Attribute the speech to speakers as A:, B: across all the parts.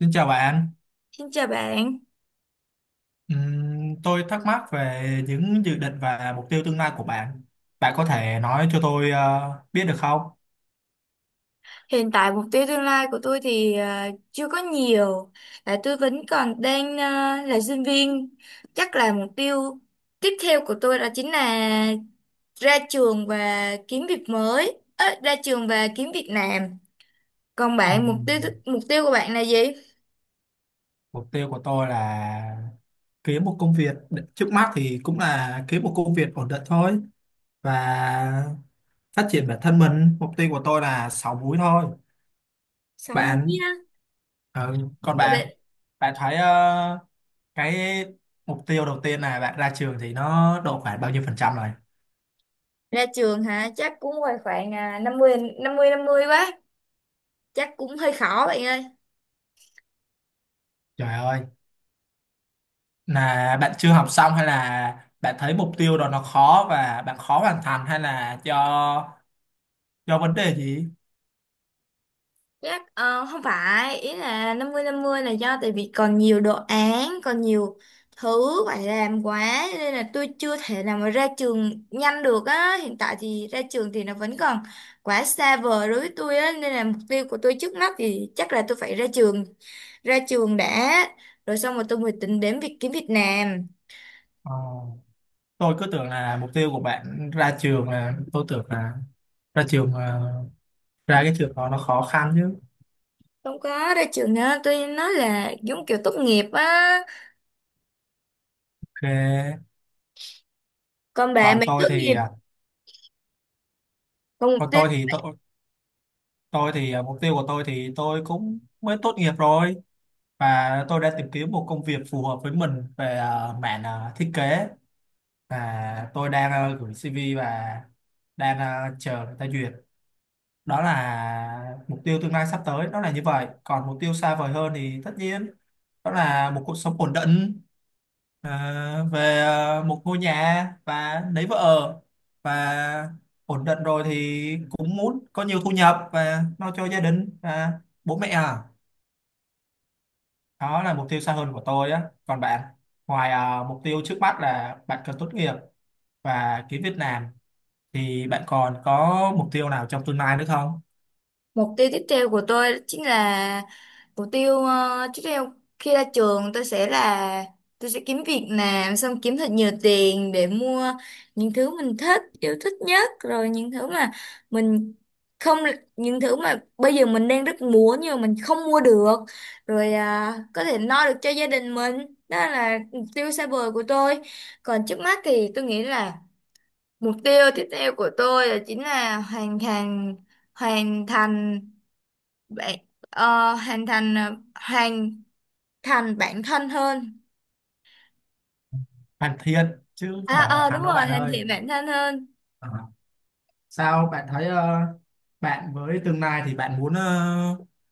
A: Xin chào bạn.
B: Xin chào bạn.
A: Tôi thắc mắc về những dự định và mục tiêu tương lai của bạn. Bạn có thể nói cho tôi biết được không?
B: Hiện tại mục tiêu tương lai của tôi thì chưa có nhiều, tại tôi vẫn còn đang là sinh viên. Chắc là mục tiêu tiếp theo của tôi đó chính là ra trường và kiếm việc mới, ra trường và kiếm việc làm. Còn bạn
A: Ừm,
B: mục tiêu của bạn là gì?
A: Mục tiêu của tôi là kiếm một công việc, trước mắt thì cũng là kiếm một công việc ổn định thôi và phát triển bản thân mình. Mục tiêu của tôi là 6 múi thôi.
B: Sáu múi
A: Bạn,
B: á.
A: ừ, còn
B: Ra,
A: bạn, bạn thấy cái mục tiêu đầu tiên là bạn ra trường thì nó độ khoảng bao nhiêu phần trăm rồi?
B: ra trường hả? Chắc cũng ngoài khoảng năm mươi năm mươi năm mươi quá. Chắc cũng hơi khó bạn ơi.
A: Trời ơi, là bạn chưa học xong hay là bạn thấy mục tiêu đó nó khó và bạn khó hoàn thành hay là do vấn đề gì?
B: Chắc không phải ý là năm mươi là do tại vì còn nhiều đồ án còn nhiều thứ phải làm quá nên là tôi chưa thể nào mà ra trường nhanh được á. Hiện tại thì ra trường thì nó vẫn còn quá xa vời đối với tôi á, nên là mục tiêu của tôi trước mắt thì chắc là tôi phải ra trường đã, rồi xong rồi tôi mới tính đến việc kiếm việc làm.
A: Ờ, tôi cứ tưởng là mục tiêu của bạn ra trường là tôi tưởng là ra trường ra cái trường đó nó khó khăn chứ.
B: Không có ra trường nữa, tôi nói là giống kiểu tốt nghiệp á.
A: Ok.
B: Còn bà
A: Còn
B: mày
A: tôi
B: tốt nghiệp.
A: thì à,
B: Còn
A: còn tôi thì à, mục tiêu của tôi thì tôi cũng mới tốt nghiệp rồi và tôi đã tìm kiếm một công việc phù hợp với mình về mảng thiết kế và tôi đang gửi CV và đang chờ người ta duyệt, đó là mục tiêu tương lai sắp tới, đó là như vậy. Còn mục tiêu xa vời hơn thì tất nhiên đó là một cuộc sống ổn định, ờ, về một ngôi nhà và lấy vợ và ổn định rồi thì cũng muốn có nhiều thu nhập và lo cho gia đình và bố mẹ à, đó là mục tiêu xa hơn của tôi á. Còn bạn, ngoài mục tiêu trước mắt là bạn cần tốt nghiệp và kiếm việc làm, thì bạn còn có mục tiêu nào trong tương lai nữa không?
B: mục tiêu tiếp theo của tôi chính là mục tiêu tiếp theo khi ra trường tôi sẽ là tôi sẽ kiếm việc làm, xong kiếm thật nhiều tiền để mua những thứ mình thích, yêu thích nhất, rồi những thứ mà mình không những thứ mà bây giờ mình đang rất muốn nhưng mà mình không mua được, rồi có thể lo được cho gia đình mình. Đó là mục tiêu xa vời của tôi. Còn trước mắt thì tôi nghĩ là mục tiêu tiếp theo của tôi là chính là hoàn thành bạn- ờ, hoàn thành bản thân hơn.
A: Hoàn thiện chứ không
B: À
A: phải hoàn
B: ờ
A: thành
B: đúng
A: đâu
B: rồi,
A: bạn
B: hoàn
A: ơi.
B: thiện bản thân hơn.
A: Ờ. Sao bạn thấy bạn với tương lai thì bạn muốn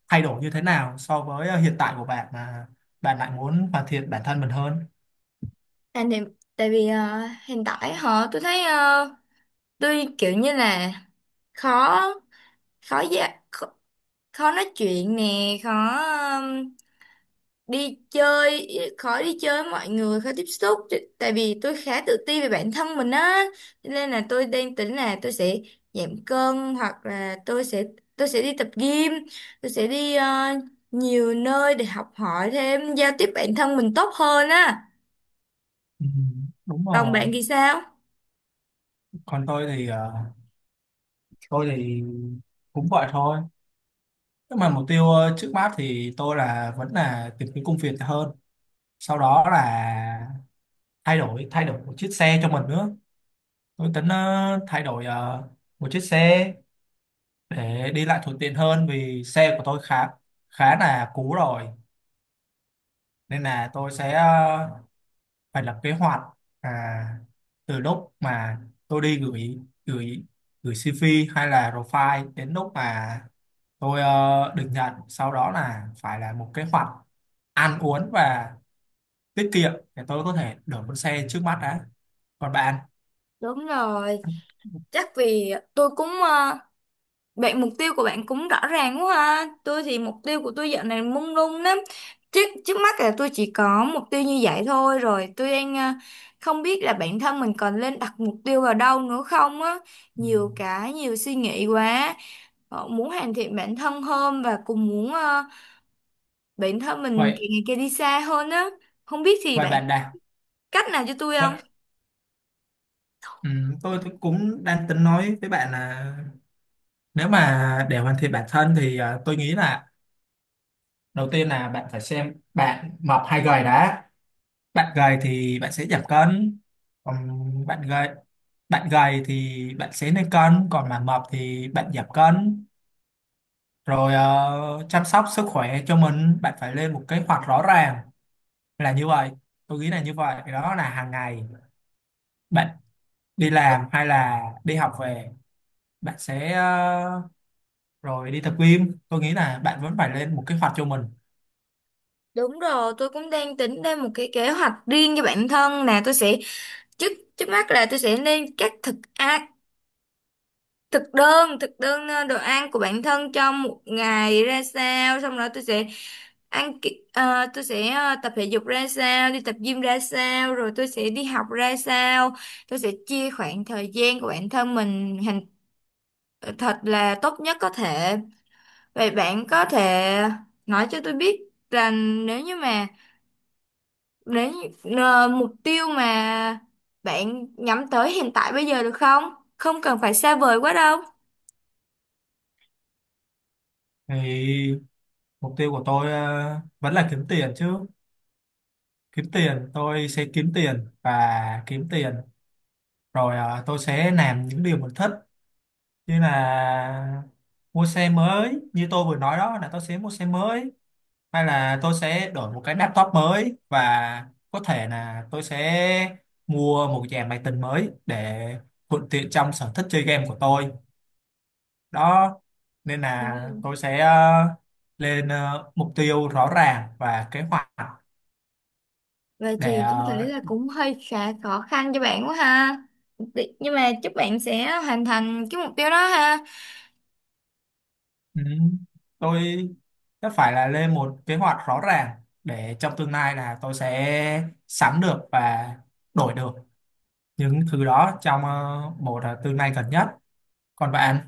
A: thay đổi như thế nào so với hiện tại của bạn mà bạn lại muốn hoàn thiện bản thân mình hơn?
B: Hoàn thiện tại vì hiện tại họ tôi thấy tôi kiểu như là khó khó dạ khó, khó nói chuyện nè, đi chơi khó đi chơi với mọi người, khó tiếp xúc tại vì tôi khá tự ti về bản thân mình á. Cho nên là tôi đang tính là tôi sẽ giảm cân, hoặc là tôi sẽ đi tập gym, tôi sẽ đi nhiều nơi để học hỏi thêm, giao tiếp bản thân mình tốt hơn á.
A: Ừ, đúng
B: Còn
A: rồi.
B: bạn thì sao?
A: Còn tôi thì tôi thì cũng vậy thôi, nhưng mà mục tiêu trước mắt thì tôi là vẫn là tìm kiếm công việc hơn, sau đó là thay đổi một chiếc xe cho mình nữa. Tôi tính thay đổi một chiếc xe để đi lại thuận tiện hơn vì xe của tôi khá khá là cũ rồi, nên là tôi sẽ phải lập kế hoạch, à, từ lúc mà tôi đi gửi gửi gửi CV hay là profile đến lúc mà tôi được nhận, sau đó là phải là một kế hoạch ăn uống và tiết kiệm để tôi có thể đổi con xe trước mắt đã. Còn bạn?
B: Đúng rồi, chắc vì tôi cũng vậy mục tiêu của bạn cũng rõ ràng quá ha. Tôi thì mục tiêu của tôi dạo này mông lung lắm. Trước trước mắt là tôi chỉ có mục tiêu như vậy thôi rồi. Tôi đang không biết là bản thân mình còn nên đặt mục tiêu vào đâu nữa không á.
A: Ừ.
B: Nhiều cái, nhiều suy nghĩ quá. Muốn hoàn thiện bản thân hơn, và cũng muốn bản thân mình
A: Vậy,
B: càng ngày càng đi xa hơn á. Không biết thì
A: vậy
B: bạn
A: bạn nào
B: cách nào cho tôi không?
A: vậy ừ, tôi thì cũng đang tính nói với bạn là nếu mà để hoàn thiện bản thân thì à, tôi nghĩ là đầu tiên là bạn phải xem bạn mập hay gầy đã. Bạn gầy thì bạn sẽ giảm cân, còn bạn gầy bạn gầy thì bạn sẽ lên cân, còn mà mập thì bạn giảm cân. Rồi chăm sóc sức khỏe cho mình, bạn phải lên một kế hoạch rõ ràng là như vậy. Tôi nghĩ là như vậy, đó là hàng ngày bạn đi
B: Đ-
A: làm hay là đi học về, bạn sẽ rồi đi tập gym, tôi nghĩ là bạn vẫn phải lên một kế hoạch cho mình.
B: Đúng rồi, tôi cũng đang tính ra một cái kế hoạch riêng cho bản thân nè. Tôi sẽ trước trước mắt là tôi sẽ lên các thực đơn, thực đơn đồ ăn của bản thân trong một ngày ra sao, xong rồi tôi sẽ tôi sẽ tập thể dục ra sao, đi tập gym ra sao, rồi tôi sẽ đi học ra sao. Tôi sẽ chia khoảng thời gian của bản thân mình hành thật là tốt nhất có thể. Vậy bạn có thể nói cho tôi biết rằng nếu như mà đến mục tiêu mà bạn nhắm tới hiện tại bây giờ được không? Không cần phải xa vời quá đâu.
A: Thì mục tiêu của tôi vẫn là kiếm tiền chứ, kiếm tiền, tôi sẽ kiếm tiền và kiếm tiền rồi tôi sẽ làm những điều mình thích, như là mua xe mới như tôi vừa nói, đó là tôi sẽ mua xe mới, hay là tôi sẽ đổi một cái laptop mới, và có thể là tôi sẽ mua một dàn máy tính mới để thuận tiện trong sở thích chơi game của tôi đó. Nên là
B: Ừ.
A: tôi sẽ lên mục tiêu rõ ràng và kế hoạch
B: Vậy
A: để
B: thì tôi thấy là cũng hơi khá khó khăn cho bạn quá ha. Nhưng mà chúc bạn sẽ hoàn thành cái mục tiêu đó ha.
A: ừ, tôi sẽ phải là lên một kế hoạch rõ ràng để trong tương lai là tôi sẽ sắm được và đổi được những thứ đó trong một tương lai gần nhất. Còn bạn?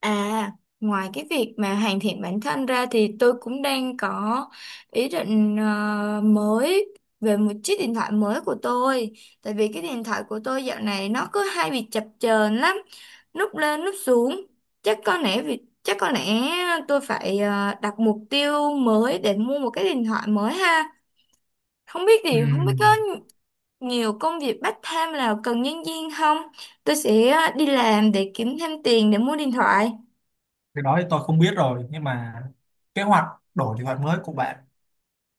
B: À, ngoài cái việc mà hoàn thiện bản thân ra thì tôi cũng đang có ý định mới về một chiếc điện thoại mới của tôi. Tại vì cái điện thoại của tôi dạo này nó cứ hay bị chập chờn lắm, lúc lên lúc xuống. Chắc có lẽ tôi phải đặt mục tiêu mới để mua một cái điện thoại mới ha. Không biết có
A: ừm,
B: nhiều công việc part time nào cần nhân viên không? Tôi sẽ đi làm để kiếm thêm tiền để mua điện thoại.
A: cái đó thì tôi không biết rồi, nhưng mà kế hoạch, đổi kế hoạch mới của bạn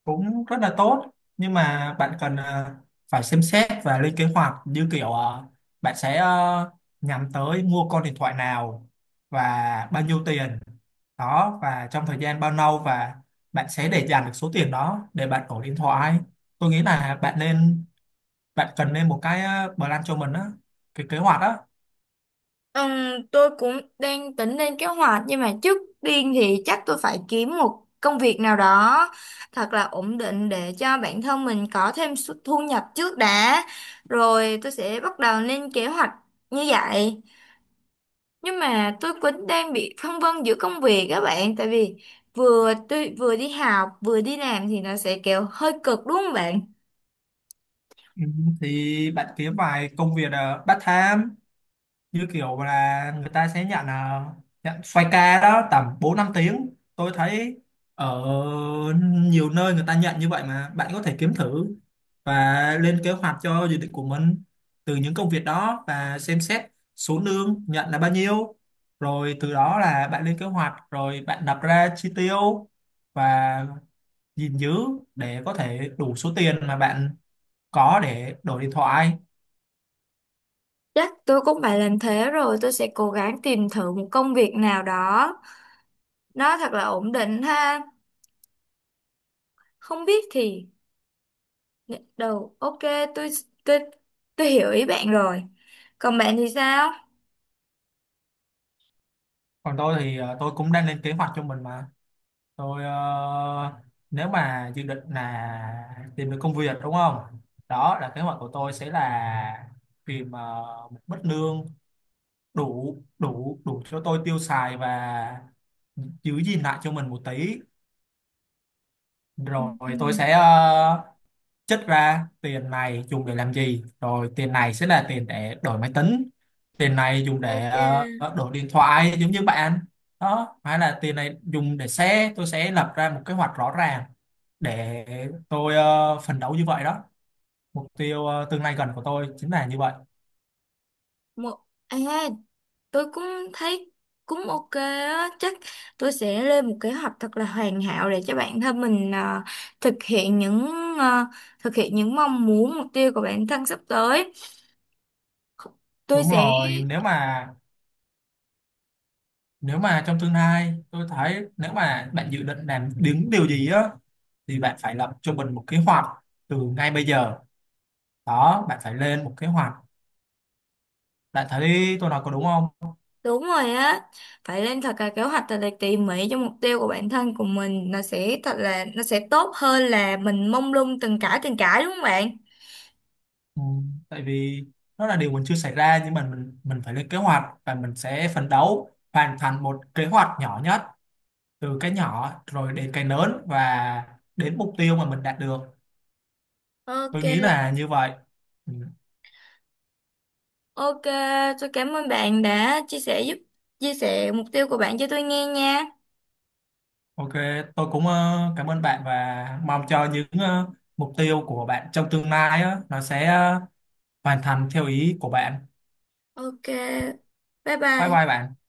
A: cũng rất là tốt, nhưng mà bạn cần phải xem xét và lên kế hoạch, như kiểu bạn sẽ nhắm tới mua con điện thoại nào và bao nhiêu tiền đó, và trong thời gian bao lâu và bạn sẽ để dành được số tiền đó để bạn đổi điện thoại. Tôi nghĩ là bạn nên, bạn cần nên một cái plan cho mình á, cái kế hoạch á.
B: Ừm, tôi cũng đang tính lên kế hoạch, nhưng mà trước tiên thì chắc tôi phải kiếm một công việc nào đó thật là ổn định để cho bản thân mình có thêm thu nhập trước đã, rồi tôi sẽ bắt đầu lên kế hoạch như vậy. Nhưng mà tôi cũng đang bị phân vân giữa công việc các bạn, tại vì vừa đi học vừa đi làm thì nó sẽ kiểu hơi cực đúng không bạn?
A: Ừ, thì bạn kiếm vài công việc part time, như kiểu là người ta sẽ nhận nhận xoay ca đó tầm 4 5 tiếng. Tôi thấy ở nhiều nơi người ta nhận như vậy mà bạn có thể kiếm thử và lên kế hoạch cho dự định của mình từ những công việc đó, và xem xét số lương nhận là bao nhiêu, rồi từ đó là bạn lên kế hoạch, rồi bạn đặt ra chi tiêu và gìn giữ để có thể đủ số tiền mà bạn có để đổi điện thoại.
B: Chắc tôi cũng phải làm thế, rồi tôi sẽ cố gắng tìm thử một công việc nào đó nó thật là ổn định ha. Không biết thì gật đầu ok. Tôi tôi tôi hiểu ý bạn rồi. Còn bạn thì sao?
A: Còn tôi thì tôi cũng đang lên kế hoạch cho mình mà. Tôi nếu mà dự định là tìm được công việc đúng không? Đó là kế hoạch của tôi sẽ là tìm một mức lương đủ đủ đủ cho tôi tiêu xài và giữ gìn lại cho mình một tí.
B: Ừ,
A: Rồi
B: ừ.
A: tôi sẽ chất ra tiền này dùng để làm gì, rồi tiền này sẽ là tiền để đổi máy tính, tiền này dùng để
B: Ok
A: đổi điện thoại giống như bạn đó, hay là tiền này dùng để xe. Tôi sẽ lập ra một kế hoạch rõ ràng để tôi phấn đấu như vậy đó. Mục tiêu tương lai gần của tôi chính là như vậy.
B: một à, tôi cũng thấy cũng ok á. Chắc tôi sẽ lên một kế hoạch thật là hoàn hảo để cho bản thân mình thực hiện những à, thực hiện những mong muốn, mục tiêu của bản thân sắp tới tôi
A: Đúng
B: sẽ.
A: rồi, nếu mà trong tương lai tôi thấy nếu mà bạn dự định làm những điều gì á thì bạn phải lập cho mình một kế hoạch từ ngay bây giờ đó, bạn phải lên một kế hoạch. Bạn thấy tôi nói có đúng không?
B: Đúng rồi á, phải lên thật là kế hoạch thật là tỉ mỉ cho mục tiêu của bản thân của mình, nó sẽ thật là nó sẽ tốt hơn là mình mông lung từng cãi đúng không bạn?
A: Ừ, tại vì nó là điều mình chưa xảy ra, nhưng mà mình phải lên kế hoạch và mình sẽ phấn đấu hoàn thành một kế hoạch nhỏ nhất, từ cái nhỏ rồi đến cái lớn và đến mục tiêu mà mình đạt được. Tôi
B: Ok,
A: nghĩ là như vậy. Ừ,
B: ok, tôi cảm ơn bạn đã chia sẻ mục tiêu của bạn cho tôi nghe nha.
A: ok, tôi cũng cảm ơn bạn và mong cho những mục tiêu của bạn trong tương lai á, nó sẽ hoàn thành theo ý của bạn.
B: Ok, bye
A: Bye
B: bye.
A: bye bạn.